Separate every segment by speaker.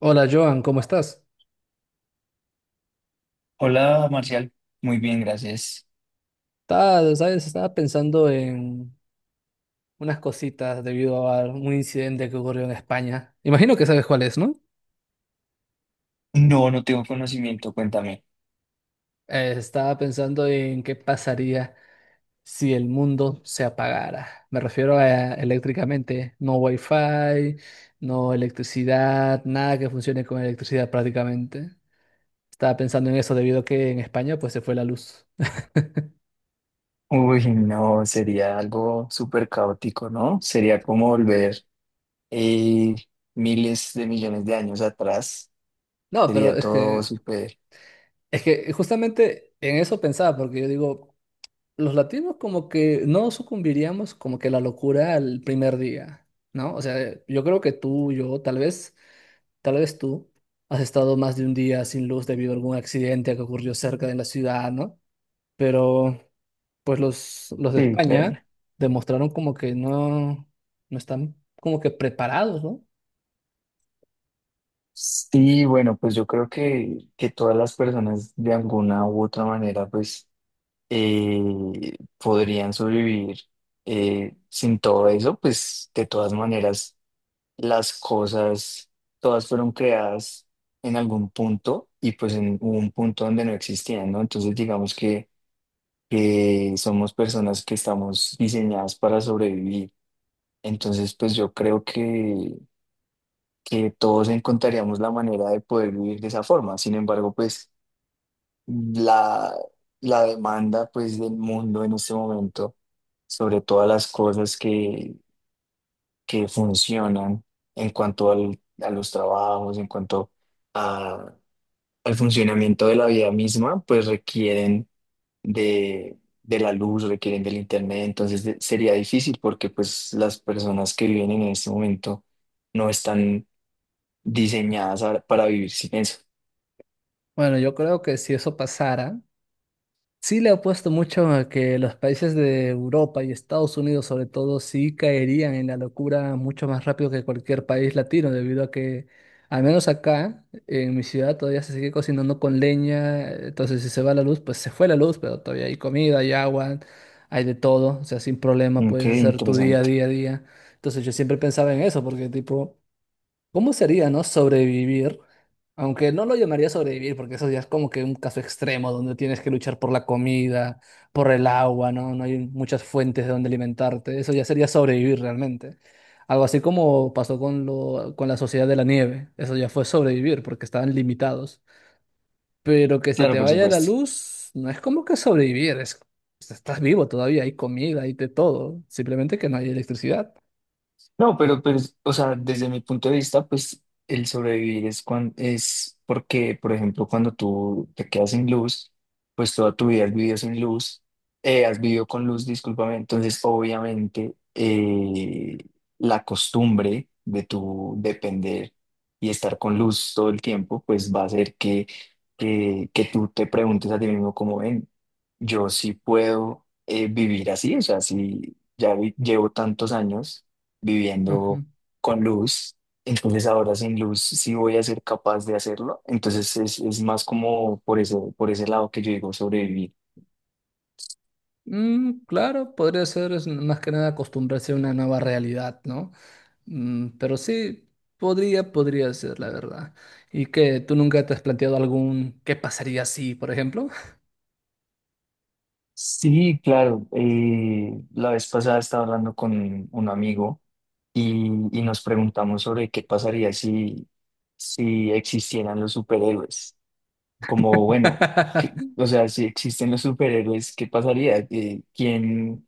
Speaker 1: Hola Joan, ¿cómo estás?
Speaker 2: Hola, Marcial. Muy bien, gracias.
Speaker 1: Estaba, ¿sabes? Estaba pensando en unas cositas debido a un incidente que ocurrió en España. Imagino que sabes cuál es, ¿no?
Speaker 2: No, no tengo conocimiento, cuéntame.
Speaker 1: Estaba pensando en qué pasaría si el mundo se apagara. Me refiero a eléctricamente, no wifi, no electricidad, nada que funcione con electricidad prácticamente. Estaba pensando en eso debido a que en España pues se fue la luz.
Speaker 2: Uy, no, sería algo súper caótico, ¿no? Sería como volver eh, miles de millones de años atrás.
Speaker 1: No, pero
Speaker 2: Sería
Speaker 1: es
Speaker 2: todo
Speaker 1: que,
Speaker 2: súper...
Speaker 1: es que justamente en eso pensaba, porque yo digo, los latinos como que no sucumbiríamos como que a la locura al primer día, ¿no? O sea, yo creo que tú, yo, tal vez tú has estado más de un día sin luz debido a algún accidente que ocurrió cerca de la ciudad, ¿no? Pero pues los de
Speaker 2: Sí, claro.
Speaker 1: España demostraron como que no, no están como que preparados, ¿no?
Speaker 2: Sí, bueno, pues yo creo que todas las personas de alguna u otra manera, pues, podrían sobrevivir sin todo eso, pues, de todas maneras las cosas, todas fueron creadas en algún punto y pues en hubo un punto donde no existían, ¿no? Entonces digamos que somos personas que estamos diseñadas para sobrevivir. Entonces pues yo creo que todos encontraríamos la manera de poder vivir de esa forma. Sin embargo, pues la, la demanda pues del mundo en este momento sobre todas las cosas que funcionan en cuanto a los trabajos, en cuanto a- al funcionamiento de la vida misma, pues requieren de la luz, requieren del internet, entonces sería difícil porque pues las personas que viven en este momento no están diseñadas para vivir sin eso.
Speaker 1: Bueno, yo creo que si eso pasara, sí le apuesto mucho a que los países de Europa y Estados Unidos sobre todo sí caerían en la locura mucho más rápido que cualquier país latino, debido a que al menos acá, en mi ciudad, todavía se sigue cocinando con leña. Entonces si se va la luz, pues se fue la luz, pero todavía hay comida, hay agua, hay de todo. O sea, sin problema
Speaker 2: Ok,
Speaker 1: puedes hacer tu día, a
Speaker 2: interesante.
Speaker 1: día, a día. Entonces yo siempre pensaba en eso, porque tipo, ¿cómo sería, no? Sobrevivir, aunque no lo llamaría sobrevivir, porque eso ya es como que un caso extremo donde tienes que luchar por la comida, por el agua, ¿no? No hay muchas fuentes de donde alimentarte. Eso ya sería sobrevivir realmente. Algo así como pasó con lo, con la Sociedad de la Nieve. Eso ya fue sobrevivir porque estaban limitados. Pero que se
Speaker 2: Claro,
Speaker 1: te
Speaker 2: por
Speaker 1: vaya la
Speaker 2: supuesto.
Speaker 1: luz, no es como que sobrevivir, es, pues, estás vivo todavía, hay comida, hay de todo. Simplemente que no hay electricidad.
Speaker 2: No, pero, pues, o sea, desde mi punto de vista, pues el sobrevivir es, es porque, por ejemplo, cuando tú te quedas sin luz, pues toda tu vida has vivido sin luz, has vivido con luz, discúlpame. Entonces, obviamente, la costumbre de tu depender y estar con luz todo el tiempo, pues va a hacer que tú te preguntes a ti mismo, como ven, yo sí puedo vivir así, o sea, si ya llevo tantos años
Speaker 1: Ujú.
Speaker 2: viviendo con luz. Entonces ahora sin luz sí voy a ser capaz de hacerlo. Entonces es más como por eso, por ese lado que yo digo sobrevivir.
Speaker 1: Claro, podría ser, es más que nada acostumbrarse a una nueva realidad, ¿no? Mm, pero sí, podría ser, la verdad. ¿Y que ¿Tú nunca te has planteado algún qué pasaría si, por ejemplo?
Speaker 2: Sí, claro. La vez pasada estaba hablando con un amigo y, y nos preguntamos sobre qué pasaría si, si existieran los superhéroes. Como, bueno, o sea, si existen los superhéroes, ¿qué pasaría? ¿Eh, quién?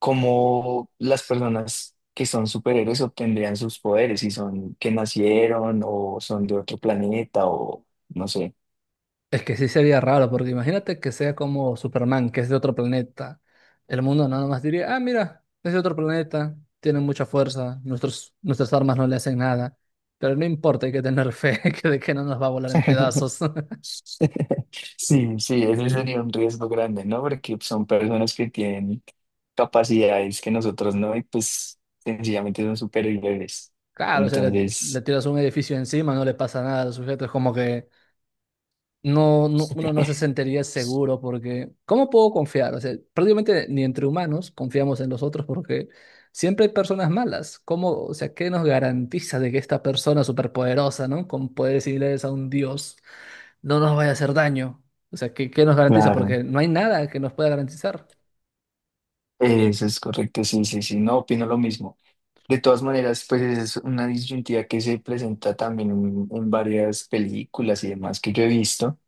Speaker 2: ¿Cómo las personas que son superhéroes obtendrían sus poderes, si son que nacieron o son de otro planeta o no sé?
Speaker 1: Es que sí sería raro, porque imagínate que sea como Superman, que es de otro planeta. El mundo nada más diría, ah, mira, es de otro planeta, tiene mucha fuerza, nuestras armas no le hacen nada. Pero no importa, hay que tener fe que de que no nos va a volar en pedazos.
Speaker 2: Sí, sí, ese sería un riesgo grande, ¿no? Porque son personas que tienen capacidades que nosotros no y pues sencillamente son superhéroes.
Speaker 1: Claro, o sea, le
Speaker 2: Entonces,
Speaker 1: tiras un edificio encima, no le pasa nada al sujeto, es como que uno no se sentiría seguro porque, ¿cómo puedo confiar? O sea, prácticamente ni entre humanos confiamos en los otros porque siempre hay personas malas. ¿Cómo, o sea, qué nos garantiza de que esta persona superpoderosa, ¿no? Con poderes similares a un dios, no nos vaya a hacer daño? O sea, ¿qué, qué nos garantiza?
Speaker 2: claro,
Speaker 1: Porque no hay nada que nos pueda garantizar.
Speaker 2: eso es correcto, sí, sí, sí, no opino lo mismo. De todas maneras, pues es una disyuntiva que se presenta también en varias películas y demás que yo he visto.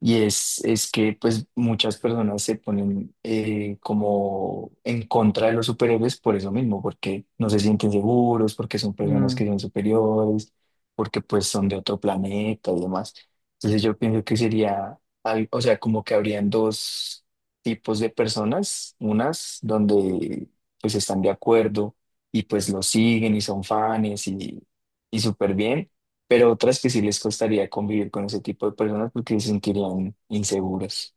Speaker 2: Y es que pues muchas personas se ponen como en contra de los superhéroes por eso mismo, porque no se sienten seguros, porque son personas que son superiores, porque pues son de otro planeta y demás. Entonces yo pienso que sería, o sea, como que habrían dos tipos de personas, unas donde pues están de acuerdo y pues lo siguen y son fans y súper bien, pero otras que sí les costaría convivir con ese tipo de personas porque se sentirían inseguras.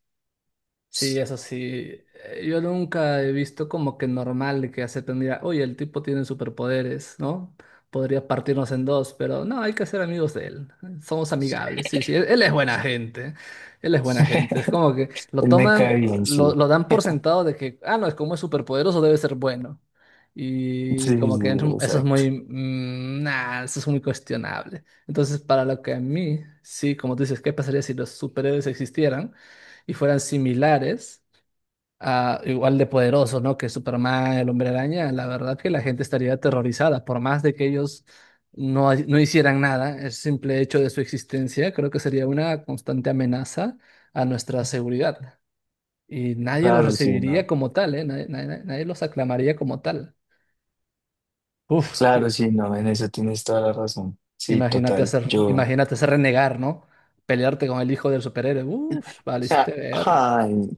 Speaker 1: Sí, eso sí. Yo nunca he visto como que normal de que acepten, mira, oye, el tipo tiene superpoderes, ¿no? Podría partirnos en dos, pero no, hay que ser amigos de él. Somos amigables, sí, sí. Él es buena gente. Él es buena gente. Es como que lo
Speaker 2: Él me
Speaker 1: toman,
Speaker 2: cae bien, sí.
Speaker 1: lo dan por sentado de que, ah, no, es como es superpoderoso, debe ser bueno. Y
Speaker 2: Sí, sí,
Speaker 1: como
Speaker 2: sí,
Speaker 1: que eso es
Speaker 2: exacto.
Speaker 1: muy, eso es muy cuestionable. Entonces, para lo que a mí, sí, como tú dices, ¿qué pasaría si los superhéroes existieran y fueran similares, a, igual de poderosos, ¿no? Que Superman, el Hombre Araña? La verdad que la gente estaría aterrorizada, por más de que ellos no hicieran nada, el simple hecho de su existencia creo que sería una constante amenaza a nuestra seguridad. Y nadie los
Speaker 2: Claro, sí,
Speaker 1: recibiría
Speaker 2: no.
Speaker 1: como tal, ¿eh? Nadie, nadie los aclamaría como tal. Uf,
Speaker 2: Claro,
Speaker 1: im-
Speaker 2: sí, no, en eso tienes toda la razón. Sí,
Speaker 1: imagínate
Speaker 2: total. Yo.
Speaker 1: imagínate hacer renegar, ¿no? Pelearte con el hijo del superhéroe. Uf, valiste
Speaker 2: Ja,
Speaker 1: ver.
Speaker 2: ay,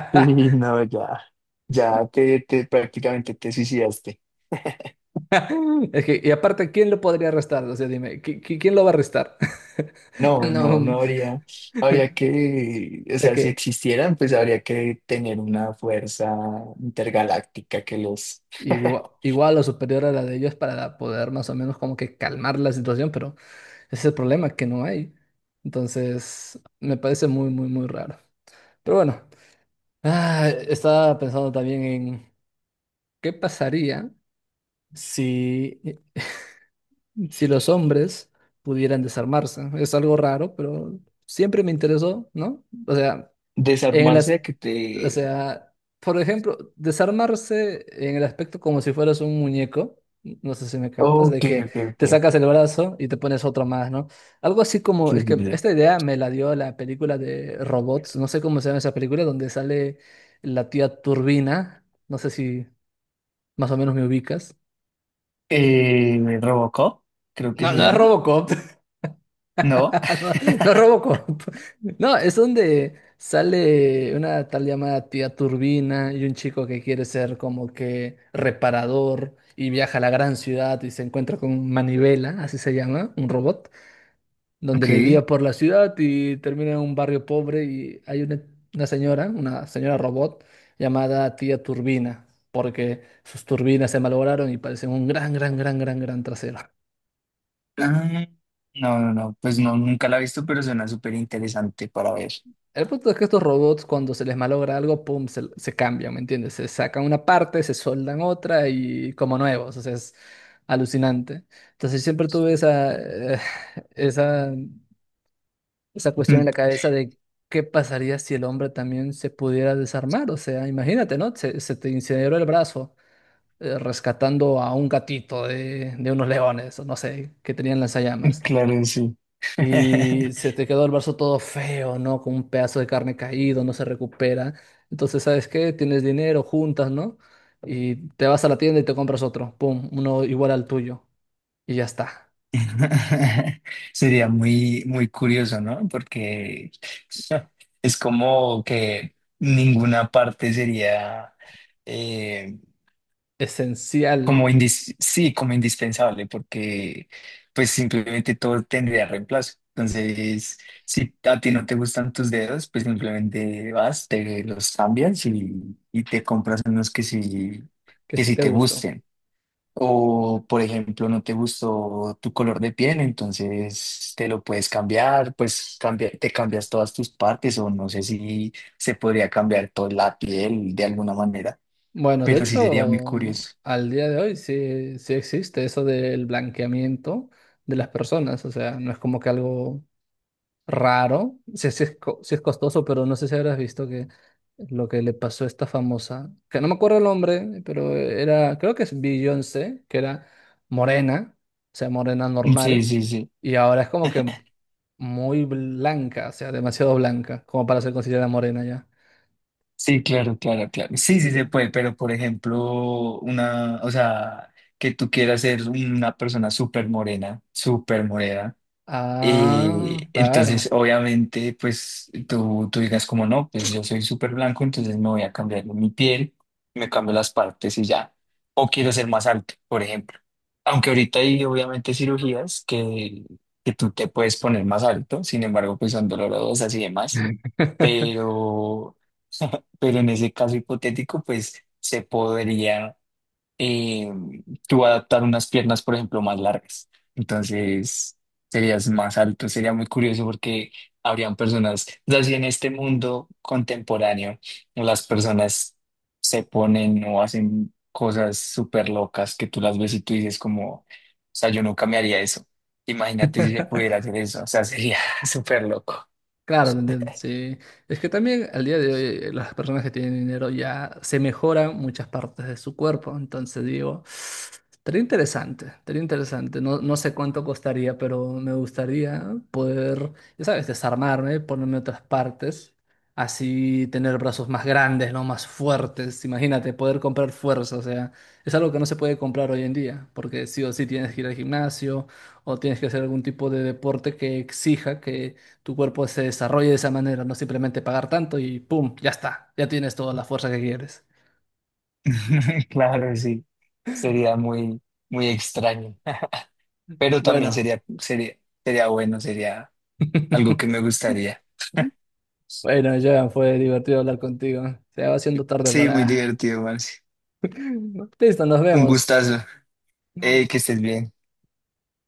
Speaker 2: sí, no, ya. Ya te prácticamente te suicidaste.
Speaker 1: Es que, y aparte, ¿quién lo podría arrestar? O sea, dime, ¿quién lo va a arrestar?
Speaker 2: No, no,
Speaker 1: No,
Speaker 2: no habría, habría que, o
Speaker 1: sé
Speaker 2: sea, si
Speaker 1: que
Speaker 2: existieran, pues habría que tener una fuerza intergaláctica que los
Speaker 1: igual o superior a la de ellos para poder más o menos como que calmar la situación, pero ese es el problema que no hay. Entonces, me parece muy raro. Pero bueno, estaba pensando también en qué pasaría si, si los hombres pudieran desarmarse. Es algo raro, pero siempre me interesó, ¿no? O sea, En el
Speaker 2: desarmarse
Speaker 1: as-
Speaker 2: a que
Speaker 1: o
Speaker 2: te...
Speaker 1: sea, por ejemplo, desarmarse en el aspecto como si fueras un muñeco, no sé si me captas, de
Speaker 2: Ok,
Speaker 1: que
Speaker 2: ok,
Speaker 1: te
Speaker 2: ok.
Speaker 1: sacas el brazo y te pones otro más, ¿no? Algo así como,
Speaker 2: Sí,
Speaker 1: es
Speaker 2: sí,
Speaker 1: que
Speaker 2: sí.
Speaker 1: esta idea me la dio la película de Robots, no sé cómo se llama esa película, donde sale la tía Turbina, no sé si más o menos me ubicas.
Speaker 2: Robocop, creo que
Speaker 1: No,
Speaker 2: se
Speaker 1: no es
Speaker 2: llama.
Speaker 1: Robocop.
Speaker 2: ¿No?
Speaker 1: No, no Robocop. No, es donde sale una tal llamada tía Turbina y un chico que quiere ser como que reparador y viaja a la gran ciudad y se encuentra con Manivela, así se llama, un robot, donde le
Speaker 2: Ok.
Speaker 1: guía por la ciudad y termina en un barrio pobre y hay una señora robot llamada tía Turbina, porque sus turbinas se malograron y parecen un gran trasero.
Speaker 2: Ah, no, no, no. Pues no, nunca la he visto, pero suena súper interesante para ver.
Speaker 1: El punto es que estos robots, cuando se les malogra algo, pum, se cambian, ¿me entiendes? Se sacan una parte, se soldan otra y como nuevos, o sea, es alucinante. Entonces siempre tuve esa, esa cuestión en la cabeza de qué pasaría si el hombre también se pudiera desarmar, o sea, imagínate, ¿no? Se te incineró el brazo rescatando a un gatito de unos leones, o no sé, que tenían lanzallamas.
Speaker 2: Claro, sí.
Speaker 1: Y se te quedó el brazo todo feo, ¿no? Con un pedazo de carne caído, no se recupera. Entonces, ¿sabes qué? Tienes dinero, juntas, ¿no? Y te vas a la tienda y te compras otro. Pum, uno igual al tuyo. Y ya está.
Speaker 2: Sería muy, muy curioso, ¿no? Porque es como que ninguna parte sería... eh,
Speaker 1: Esencial
Speaker 2: Como sí, como indispensable, porque pues simplemente todo tendría reemplazo. Entonces, si a ti no te gustan tus dedos, pues simplemente vas, te los cambias y te compras unos
Speaker 1: que
Speaker 2: que
Speaker 1: sí
Speaker 2: sí
Speaker 1: te
Speaker 2: te
Speaker 1: gustó.
Speaker 2: gusten. O, por ejemplo, no te gustó tu color de piel, entonces te lo puedes cambiar, pues cambia, te cambias todas tus partes, o no sé si se podría cambiar toda la piel de alguna manera,
Speaker 1: Bueno, de
Speaker 2: pero sí sería muy
Speaker 1: hecho,
Speaker 2: curioso.
Speaker 1: al día de hoy sí, sí existe eso del blanqueamiento de las personas. O sea, no es como que algo raro, sí, sí es, sí es costoso, pero no sé si habrás visto que lo que le pasó a esta famosa, que no me acuerdo el nombre, pero era, creo que es Beyoncé, que era morena, o sea, morena
Speaker 2: Sí,
Speaker 1: normal,
Speaker 2: sí, sí.
Speaker 1: y ahora es como que muy blanca, o sea, demasiado blanca, como para ser considerada morena ya.
Speaker 2: Sí, claro, claro, claro. Sí, sí
Speaker 1: Ento-
Speaker 2: se puede, pero por ejemplo, una, o sea, que tú quieras ser una persona súper morena, súper morena.
Speaker 1: ah, claro.
Speaker 2: Entonces, obviamente, pues tú digas como no, pues yo soy súper blanco, entonces me voy a cambiar mi piel, me cambio las partes y ya. O quiero ser más alto, por ejemplo. Aunque ahorita hay obviamente cirugías que tú te puedes poner más alto, sin embargo, pues son dolorosas y demás. Pero, pero en ese caso hipotético, pues se podría eh, tú adaptar unas piernas, por ejemplo, más largas. Entonces, serías más alto. Sería muy curioso porque habrían personas, o sea, si en este mundo contemporáneo las personas se ponen o hacen cosas súper locas que tú las ves y tú dices como, o sea, yo nunca me haría eso. Imagínate si se pudiera hacer eso, o sea, sería súper loco.
Speaker 1: Claro, te entiendo, sí. Es que también al día de hoy las personas que tienen dinero ya se mejoran muchas partes de su cuerpo. Entonces digo, estaría interesante. No, no sé cuánto costaría, pero me gustaría poder, ya sabes, desarmarme, ponerme otras partes, así tener brazos más grandes, ¿no? Más fuertes. Imagínate, poder comprar fuerza. O sea, es algo que no se puede comprar hoy en día, porque sí o sí tienes que ir al gimnasio o tienes que hacer algún tipo de deporte que exija que tu cuerpo se desarrolle de esa manera, no simplemente pagar tanto y ¡pum! Ya está, ya tienes toda la fuerza que quieres.
Speaker 2: Claro, sí, sería muy, muy extraño, pero también
Speaker 1: Bueno,
Speaker 2: sería bueno, sería algo que me gustaría.
Speaker 1: bueno, ya fue divertido hablar contigo. Se va haciendo tarde
Speaker 2: Sí, muy
Speaker 1: para...
Speaker 2: divertido, Marce.
Speaker 1: Listo, nos
Speaker 2: Un
Speaker 1: vemos.
Speaker 2: gustazo. Que estés bien.